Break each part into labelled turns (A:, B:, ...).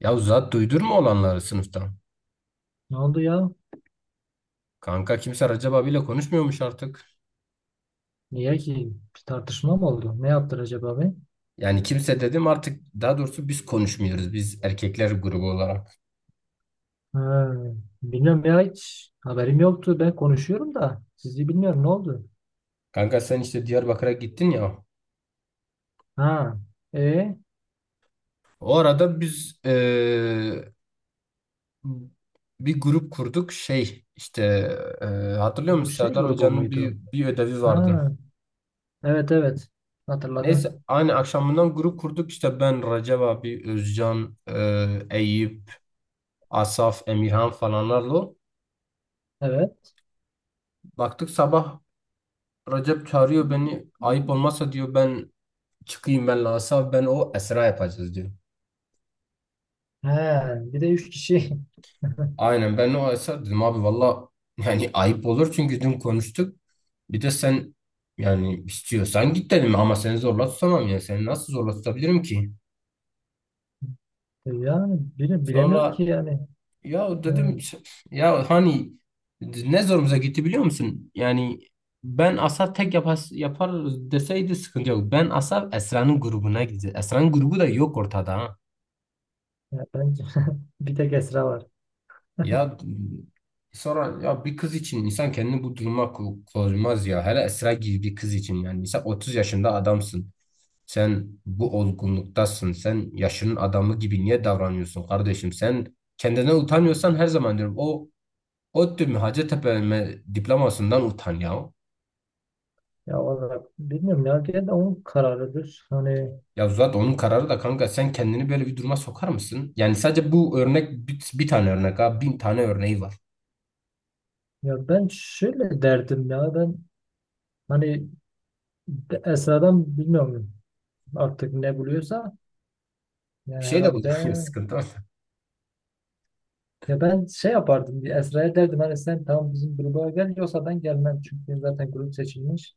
A: Ya zat duydurma olanları sınıftan.
B: Ne oldu ya?
A: Kanka kimse Recep abiyle konuşmuyormuş artık.
B: Niye ki? Bir tartışma mı oldu? Ne yaptılar acaba be?
A: Yani kimse dedim artık, daha doğrusu biz konuşmuyoruz, biz erkekler grubu olarak.
B: Ha, bilmiyorum ya, hiç haberim yoktu. Ben konuşuyorum da sizi bilmiyorum, ne oldu?
A: Kanka sen işte Diyarbakır'a gittin ya.
B: Ha, e
A: O arada biz bir grup kurduk şey işte eee, hatırlıyor
B: bu
A: musun
B: şey
A: Serdar
B: grubu
A: Hoca'nın
B: muydu?
A: bir ödevi vardı.
B: Ha, evet evet,
A: Neyse
B: hatırladım.
A: aynı akşamından grup kurduk işte ben Recep abi, Özcan, Eyüp, Asaf, Emirhan falanlarla.
B: Evet.
A: Baktık sabah Recep çağırıyor beni. Ayıp olmazsa diyor ben çıkayım, ben Asa, ben o Esra yapacağız diyor.
B: He, bir de üç kişi.
A: Aynen ben o Esra dedim, abi valla yani ayıp olur çünkü dün konuştuk. Bir de sen, yani istiyorsan git dedim ama seni zorla tutamam, yani seni nasıl zorla tutabilirim ki?
B: Yani bilemiyorum ki
A: Sonra
B: yani.
A: ya
B: Ha,
A: dedim, ya hani ne zorumuza gitti biliyor musun? Yani ben Asa tek yapar, yapar deseydi sıkıntı yok. Ben Asa Esra'nın grubuna gideceğiz. Esra'nın grubu da yok ortada ha.
B: ya bence bir tek Esra var.
A: Ya sonra, ya bir kız için insan kendini bu duruma koymaz ya. Hele Esra gibi bir kız için yani. Sen 30 yaşında adamsın. Sen bu olgunluktasın. Sen yaşının adamı gibi niye davranıyorsun kardeşim? Sen kendine utanıyorsan her zaman diyorum, o ODTÜ mü Hacettepe mi diplomasından utan ya.
B: Ya valla bilmiyorum ya, gene de onun kararıdır. Hani
A: Ya zaten onun kararı da, kanka sen kendini böyle bir duruma sokar mısın? Yani sadece bu örnek, bir tane örnek ha, bin tane örneği var.
B: ya ben şöyle derdim ya ben. Hani Esra'dan bilmiyorum artık ne buluyorsa,
A: Bir
B: yani
A: şey de bu
B: herhalde
A: sıkıntı.
B: ya ben şey yapardım, bir Esra'ya derdim hani sen tamam bizim gruba gel, yoksa ben gelmem çünkü zaten grup seçilmiş.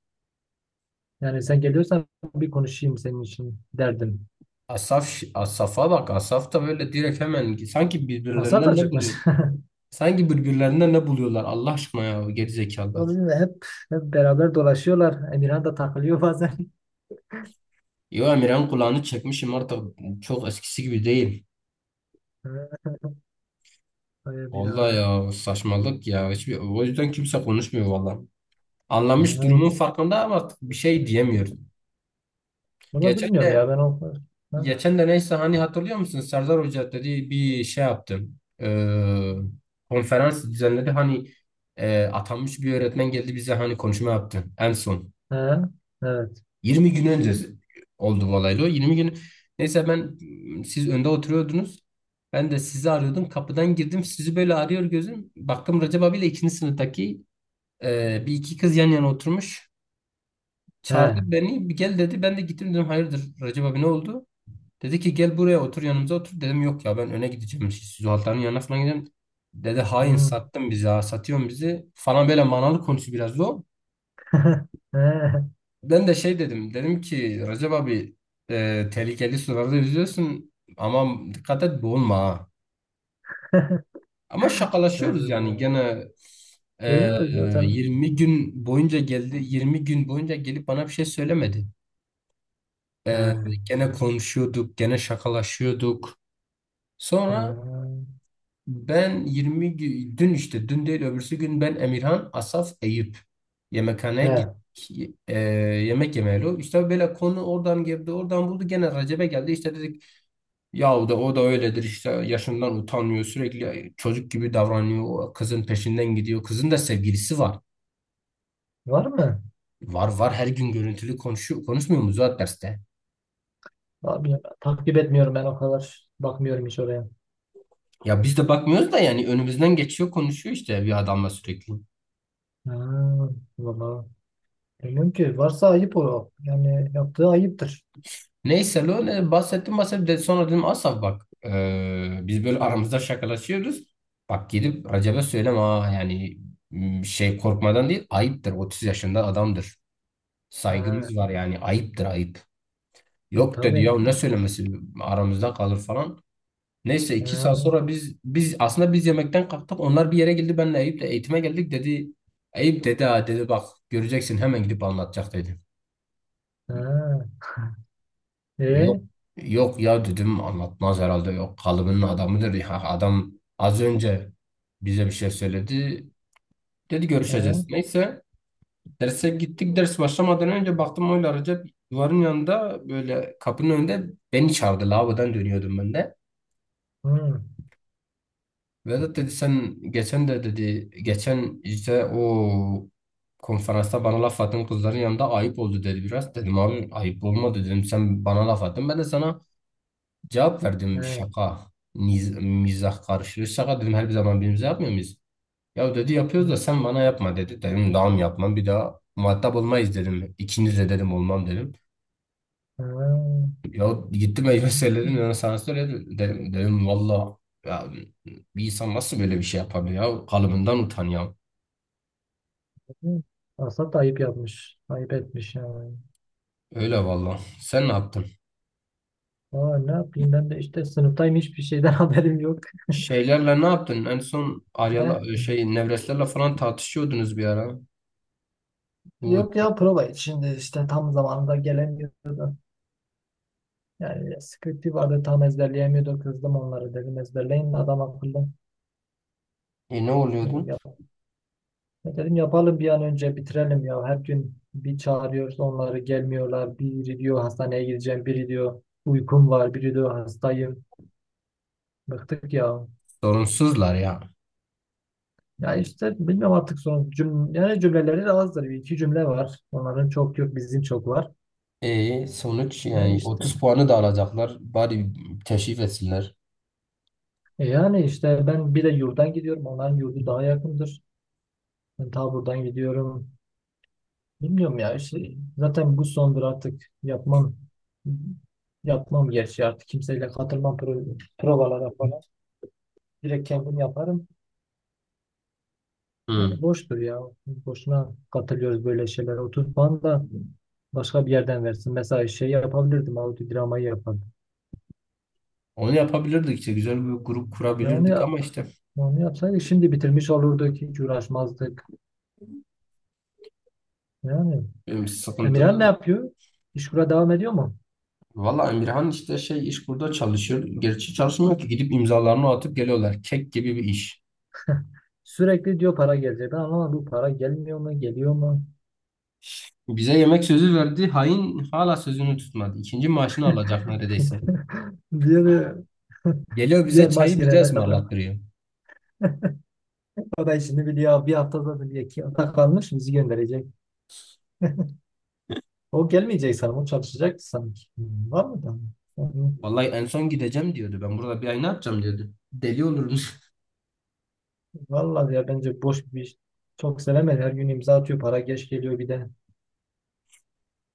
B: Yani sen geliyorsan bir konuşayım senin için derdim.
A: Asaf, Asaf'a bak. Asaf da böyle direkt hemen, sanki
B: Asaf
A: birbirlerinden
B: da
A: ne
B: çıkmış.
A: buluyor? Sanki birbirlerinden ne buluyorlar Allah aşkına ya,
B: O
A: gerizekalılar.
B: bilmiyorum, hep beraber dolaşıyorlar. Emirhan da takılıyor bazen.
A: Yo Emirhan kulağını çekmişim artık, çok eskisi gibi değil.
B: Ay
A: Vallahi
B: Emirhan.
A: ya saçmalık ya. Hiçbir, o yüzden kimse konuşmuyor vallahi.
B: Ha,
A: Anlamış, durumun farkında ama artık bir şey diyemiyor.
B: bunu
A: Geçen
B: bilmiyorum
A: de
B: ya ben o... Ha,
A: geçen de neyse, hani hatırlıyor musun? Serdar Hoca dedi bir şey yaptı. Ee, Konferans düzenledi. Hani atanmış bir öğretmen geldi bize, hani konuşma yaptı. En son.
B: ha, evet.
A: 20 gün önce oldu bu olaylı. O 20 gün. Neyse ben, siz önde oturuyordunuz. Ben de sizi arıyordum. Kapıdan girdim. Sizi böyle arıyor gözüm. Baktım Recep abiyle ikinci sınıftaki 1 iki kız yan yana oturmuş. Çağırdı
B: Ha,
A: beni. Bir gel dedi. Ben de gittim, dedim hayırdır Recep abi, ne oldu? Dedi ki gel buraya otur, yanımıza otur. Dedim yok ya, ben öne gideceğim. Zuhal'ların yanına falan gideceğim. Dedi hain,
B: hmm.
A: sattın bizi ha, satıyorsun bizi falan, böyle manalı konusu biraz o.
B: Ha.
A: Ben de şey dedim. Dedim ki Recep abi, tehlikeli sularda yüzüyorsun ama dikkat et, boğulma ha. Ama şakalaşıyoruz yani
B: Evet.
A: gene. e,
B: Görüyor zaten.
A: 20 gün boyunca geldi, 20 gün boyunca gelip bana bir şey söylemedi.
B: He,
A: E, Gene konuşuyorduk, gene şakalaşıyorduk. Sonra
B: he,
A: ben dün, işte dün değil öbürsü gün, ben Emirhan Asaf Eyüp yemekhaneye
B: he.
A: gittik. E, Yemek yemeyeli. İşte böyle konu oradan girdi, oradan buldu gene Recep'e geldi. İşte dedik yahu, da o da öyledir işte, yaşından utanmıyor, sürekli çocuk gibi davranıyor, o kızın peşinden gidiyor, kızın da sevgilisi var.
B: Var mı?
A: Var var, her gün görüntülü konuşuyor, konuşmuyor mu zaten derste?
B: Abi, takip etmiyorum ben o kadar. Bakmıyorum hiç oraya.
A: Ya biz de bakmıyoruz da yani önümüzden geçiyor, konuşuyor işte bir adamla sürekli.
B: Ha, valla. Bilmiyorum ki. Varsa ayıp o. Yani yaptığı ayıptır.
A: Neyse lo, ne bahsettim bahsettim de sonra dedim Asaf bak, biz böyle aramızda şakalaşıyoruz. Bak gidip Recep'e söyleme ha, yani şey korkmadan değil, ayıptır, 30 yaşında adamdır.
B: Ha,
A: Saygımız var yani, ayıptır ayıp.
B: e
A: Yok dedi
B: tabii.
A: ya, ne söylemesi, aramızda kalır falan. Neyse iki
B: Ha,
A: saat sonra biz aslında biz yemekten kalktık, onlar bir yere geldi, benle Eyüp de eğitime geldik dedi. Eyüp dedi, ha dedi, bak göreceksin hemen gidip anlatacak dedi.
B: ha.
A: Yok
B: E,
A: Yok ya dedim, anlatmaz herhalde, yok kalıbının adamıdır ya adam, az önce bize bir şey söyledi, dedi görüşeceğiz,
B: e,
A: neyse derse gittik. Ders başlamadan önce baktım, oyla Recep duvarın yanında böyle, kapının önünde beni çağırdı. Lavabodan dönüyordum ben de.
B: hı,
A: Vedat dedi, sen geçen de dedi, geçen işte o konferansta bana laf attın kızların yanında, ayıp oldu dedi biraz. Dedim abi ayıp olmadı, dedim sen bana laf attın, ben de sana cevap
B: e,
A: verdim,
B: hı,
A: şaka. Mizah karışıyor. Şaka dedim, her bir zaman birbirimize yapmıyor muyuz? Ya dedi yapıyoruz da sen bana yapma dedi. Dedim daha mı yapmam, bir daha muhatap olmayız dedim. İkiniz de dedim olmam dedim.
B: ha.
A: Ya gittim elime söyledim ya, sana söyledim dedim. Dedim valla ya, bir insan nasıl böyle bir şey yapabilir ya, kalıbından utan ya.
B: Asla da ayıp yapmış. Ayıp etmiş yani.
A: Öyle valla. Sen ne yaptın?
B: Aa, ne yapayım, ben de işte sınıftayım, hiçbir şeyden haberim yok.
A: Şeylerle ne yaptın? En son Arya'la şey, Nevreslerle falan tartışıyordunuz bir ara. Bu
B: Yok ya, prova için de işte tam zamanında gelemiyordu. Yani sıkıntı vardı, tam ezberleyemiyordu. Kızdım onları dedim ezberleyin adam akıllı.
A: ne
B: Dedim,
A: oluyordu?
B: yap dedim, yapalım bir an önce bitirelim ya. Her gün bir çağırıyoruz, onları gelmiyorlar. Biri diyor hastaneye gideceğim. Biri diyor uykum var. Biri diyor hastayım. Bıktık ya.
A: Sorunsuzlar ya.
B: Ya işte bilmiyorum artık, son yani cümleleri de azdır. Bir iki cümle var. Onların çok yok, bizim çok var.
A: E sonuç,
B: Ya
A: yani
B: işte,
A: 30 puanı da alacaklar. Bari teşrif etsinler.
B: yani işte ben bir de yurdan gidiyorum. Onların yurdu daha yakındır. Ben ta buradan gidiyorum. Bilmiyorum ya. İşte zaten bu sondur, artık yapmam. Yapmam, gerçi artık kimseyle katılmam provalara falan. Direkt kendim yaparım. Yani
A: Hı.
B: boştur ya. Boşuna katılıyoruz böyle şeylere. 30 puan da başka bir yerden versin. Mesela şey yapabilirdim. Audio yapardım.
A: Onu yapabilirdik işte, güzel bir grup
B: Ya onu,
A: kurabilirdik
B: ya-
A: ama işte
B: Onu yapsaydık şimdi bitirmiş olurduk. Hiç uğraşmazdık. Yani Emirhan ne
A: sıkıntılı.
B: yapıyor? İşkura devam ediyor mu?
A: Valla Emirhan işte şey, iş burada çalışıyor. Gerçi çalışmıyor ki, gidip imzalarını atıp geliyorlar. Kek gibi bir iş.
B: Sürekli diyor para gelecek. Ben anlamadım, bu para gelmiyor mu, geliyor mu?
A: Bize yemek sözü verdi. Hain hala sözünü tutmadı. İkinci maaşını alacak neredeyse.
B: Diğer
A: Geliyor bize,
B: diğer maç
A: çayı bize
B: gelene kadar.
A: ısmarlattırıyor.
B: O da işini biliyor. Bir haftada biliyor. İki hafta kalmış, bizi gönderecek. O gelmeyecek sanırım. O çalışacak sanki. Hmm, var mı da? Hmm,
A: Vallahi en son gideceğim diyordu. Ben burada bir ay ne yapacağım diyordu. Deli olurum.
B: vallahi ya bence boş bir iş. Çok sevemedi. Her gün imza atıyor. Para geç geliyor bir de.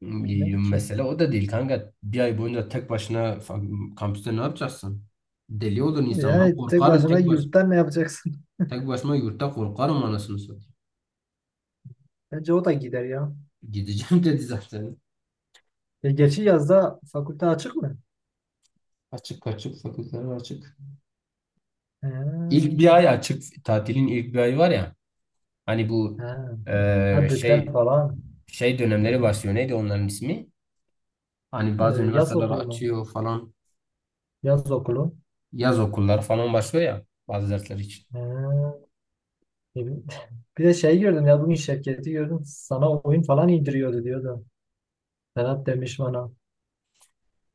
B: Bilmem ki.
A: Mesele o da değil kanka. Bir ay boyunca tek başına kampüste ne yapacaksın? Deli olur insan. Ben
B: Yani tek
A: korkarım
B: başına
A: tek baş
B: yurttan ne yapacaksın?
A: tek başıma yurtta korkarım, anasını satayım.
B: Bence o da gider ya.
A: Gideceğim dedi zaten.
B: E, geçi yazda fakülte açık mı?
A: Açık, açık fakülteler açık.
B: Ha,
A: İlk bir ay açık. Tatilin ilk bir ayı var ya. Hani bu
B: ha. Ha,
A: şey,
B: bütler falan.
A: dönemleri başlıyor. Neydi onların ismi? Hani
B: E,
A: bazı
B: yaz
A: üniversiteler
B: okulu mu?
A: açıyor falan.
B: Yaz okulu.
A: Yaz okulları falan başlıyor ya, bazı dersler için.
B: Ha. Ne bileyim. Bir de şey gördüm ya, bugün Şevket'i gördüm. Sana oyun falan indiriyordu diyordu. Ferhat demiş bana.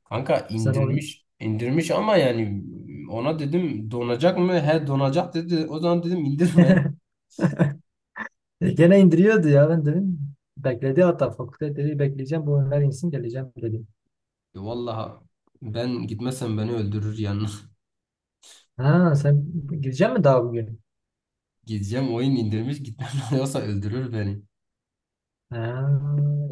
A: Kanka
B: Sen oyun.
A: indirmiş, indirmiş ama yani, ona dedim donacak mı? He donacak dedi. O zaman dedim indirme.
B: E, gene indiriyordu ya ben dedim. Bekledi hatta, fakülte dedi, bekleyeceğim bu oyunlar insin geleceğim dedim.
A: Vallahi ben gitmezsem beni öldürür yani.
B: Ha, sen gireceksin mi daha bugün?
A: Gideceğim, oyun indirmiş, gitmem yoksa öldürür beni.
B: Ha,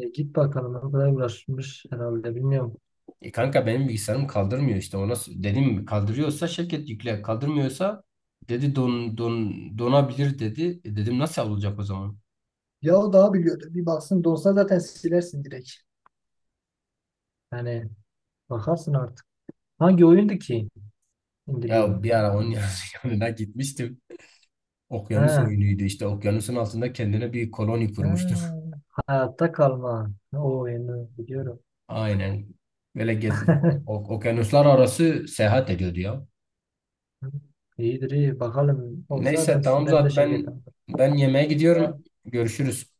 B: e, git bakalım, o kadar uğraşmış herhalde bilmiyorum.
A: E kanka benim bilgisayarım kaldırmıyor işte, ona dedim kaldırıyorsa şirket yükle, kaldırmıyorsa dedi donabilir dedi. E dedim, nasıl olacak o zaman?
B: Ya o daha biliyordu. Bir baksın, dolsa zaten silersin direkt. Yani bakarsın artık. Hangi oyundu ki
A: Ya
B: indiriyordu?
A: bir ara onun yanına gitmiştim. Okyanus
B: Ha,
A: oyunuydu işte, okyanusun altında kendine bir koloni
B: ha,
A: kurmuştu.
B: hayatta kalma. O oyunu biliyorum.
A: Aynen. Böyle okyanuslar arası seyahat ediyordu ya.
B: İyidir iyi. Bakalım olsa
A: Neyse
B: ben,
A: tamam,
B: ben de
A: zaten
B: Şevket'im.
A: ben yemeğe gidiyorum.
B: E,
A: Görüşürüz.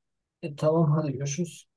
B: e, tamam hadi görüşürüz.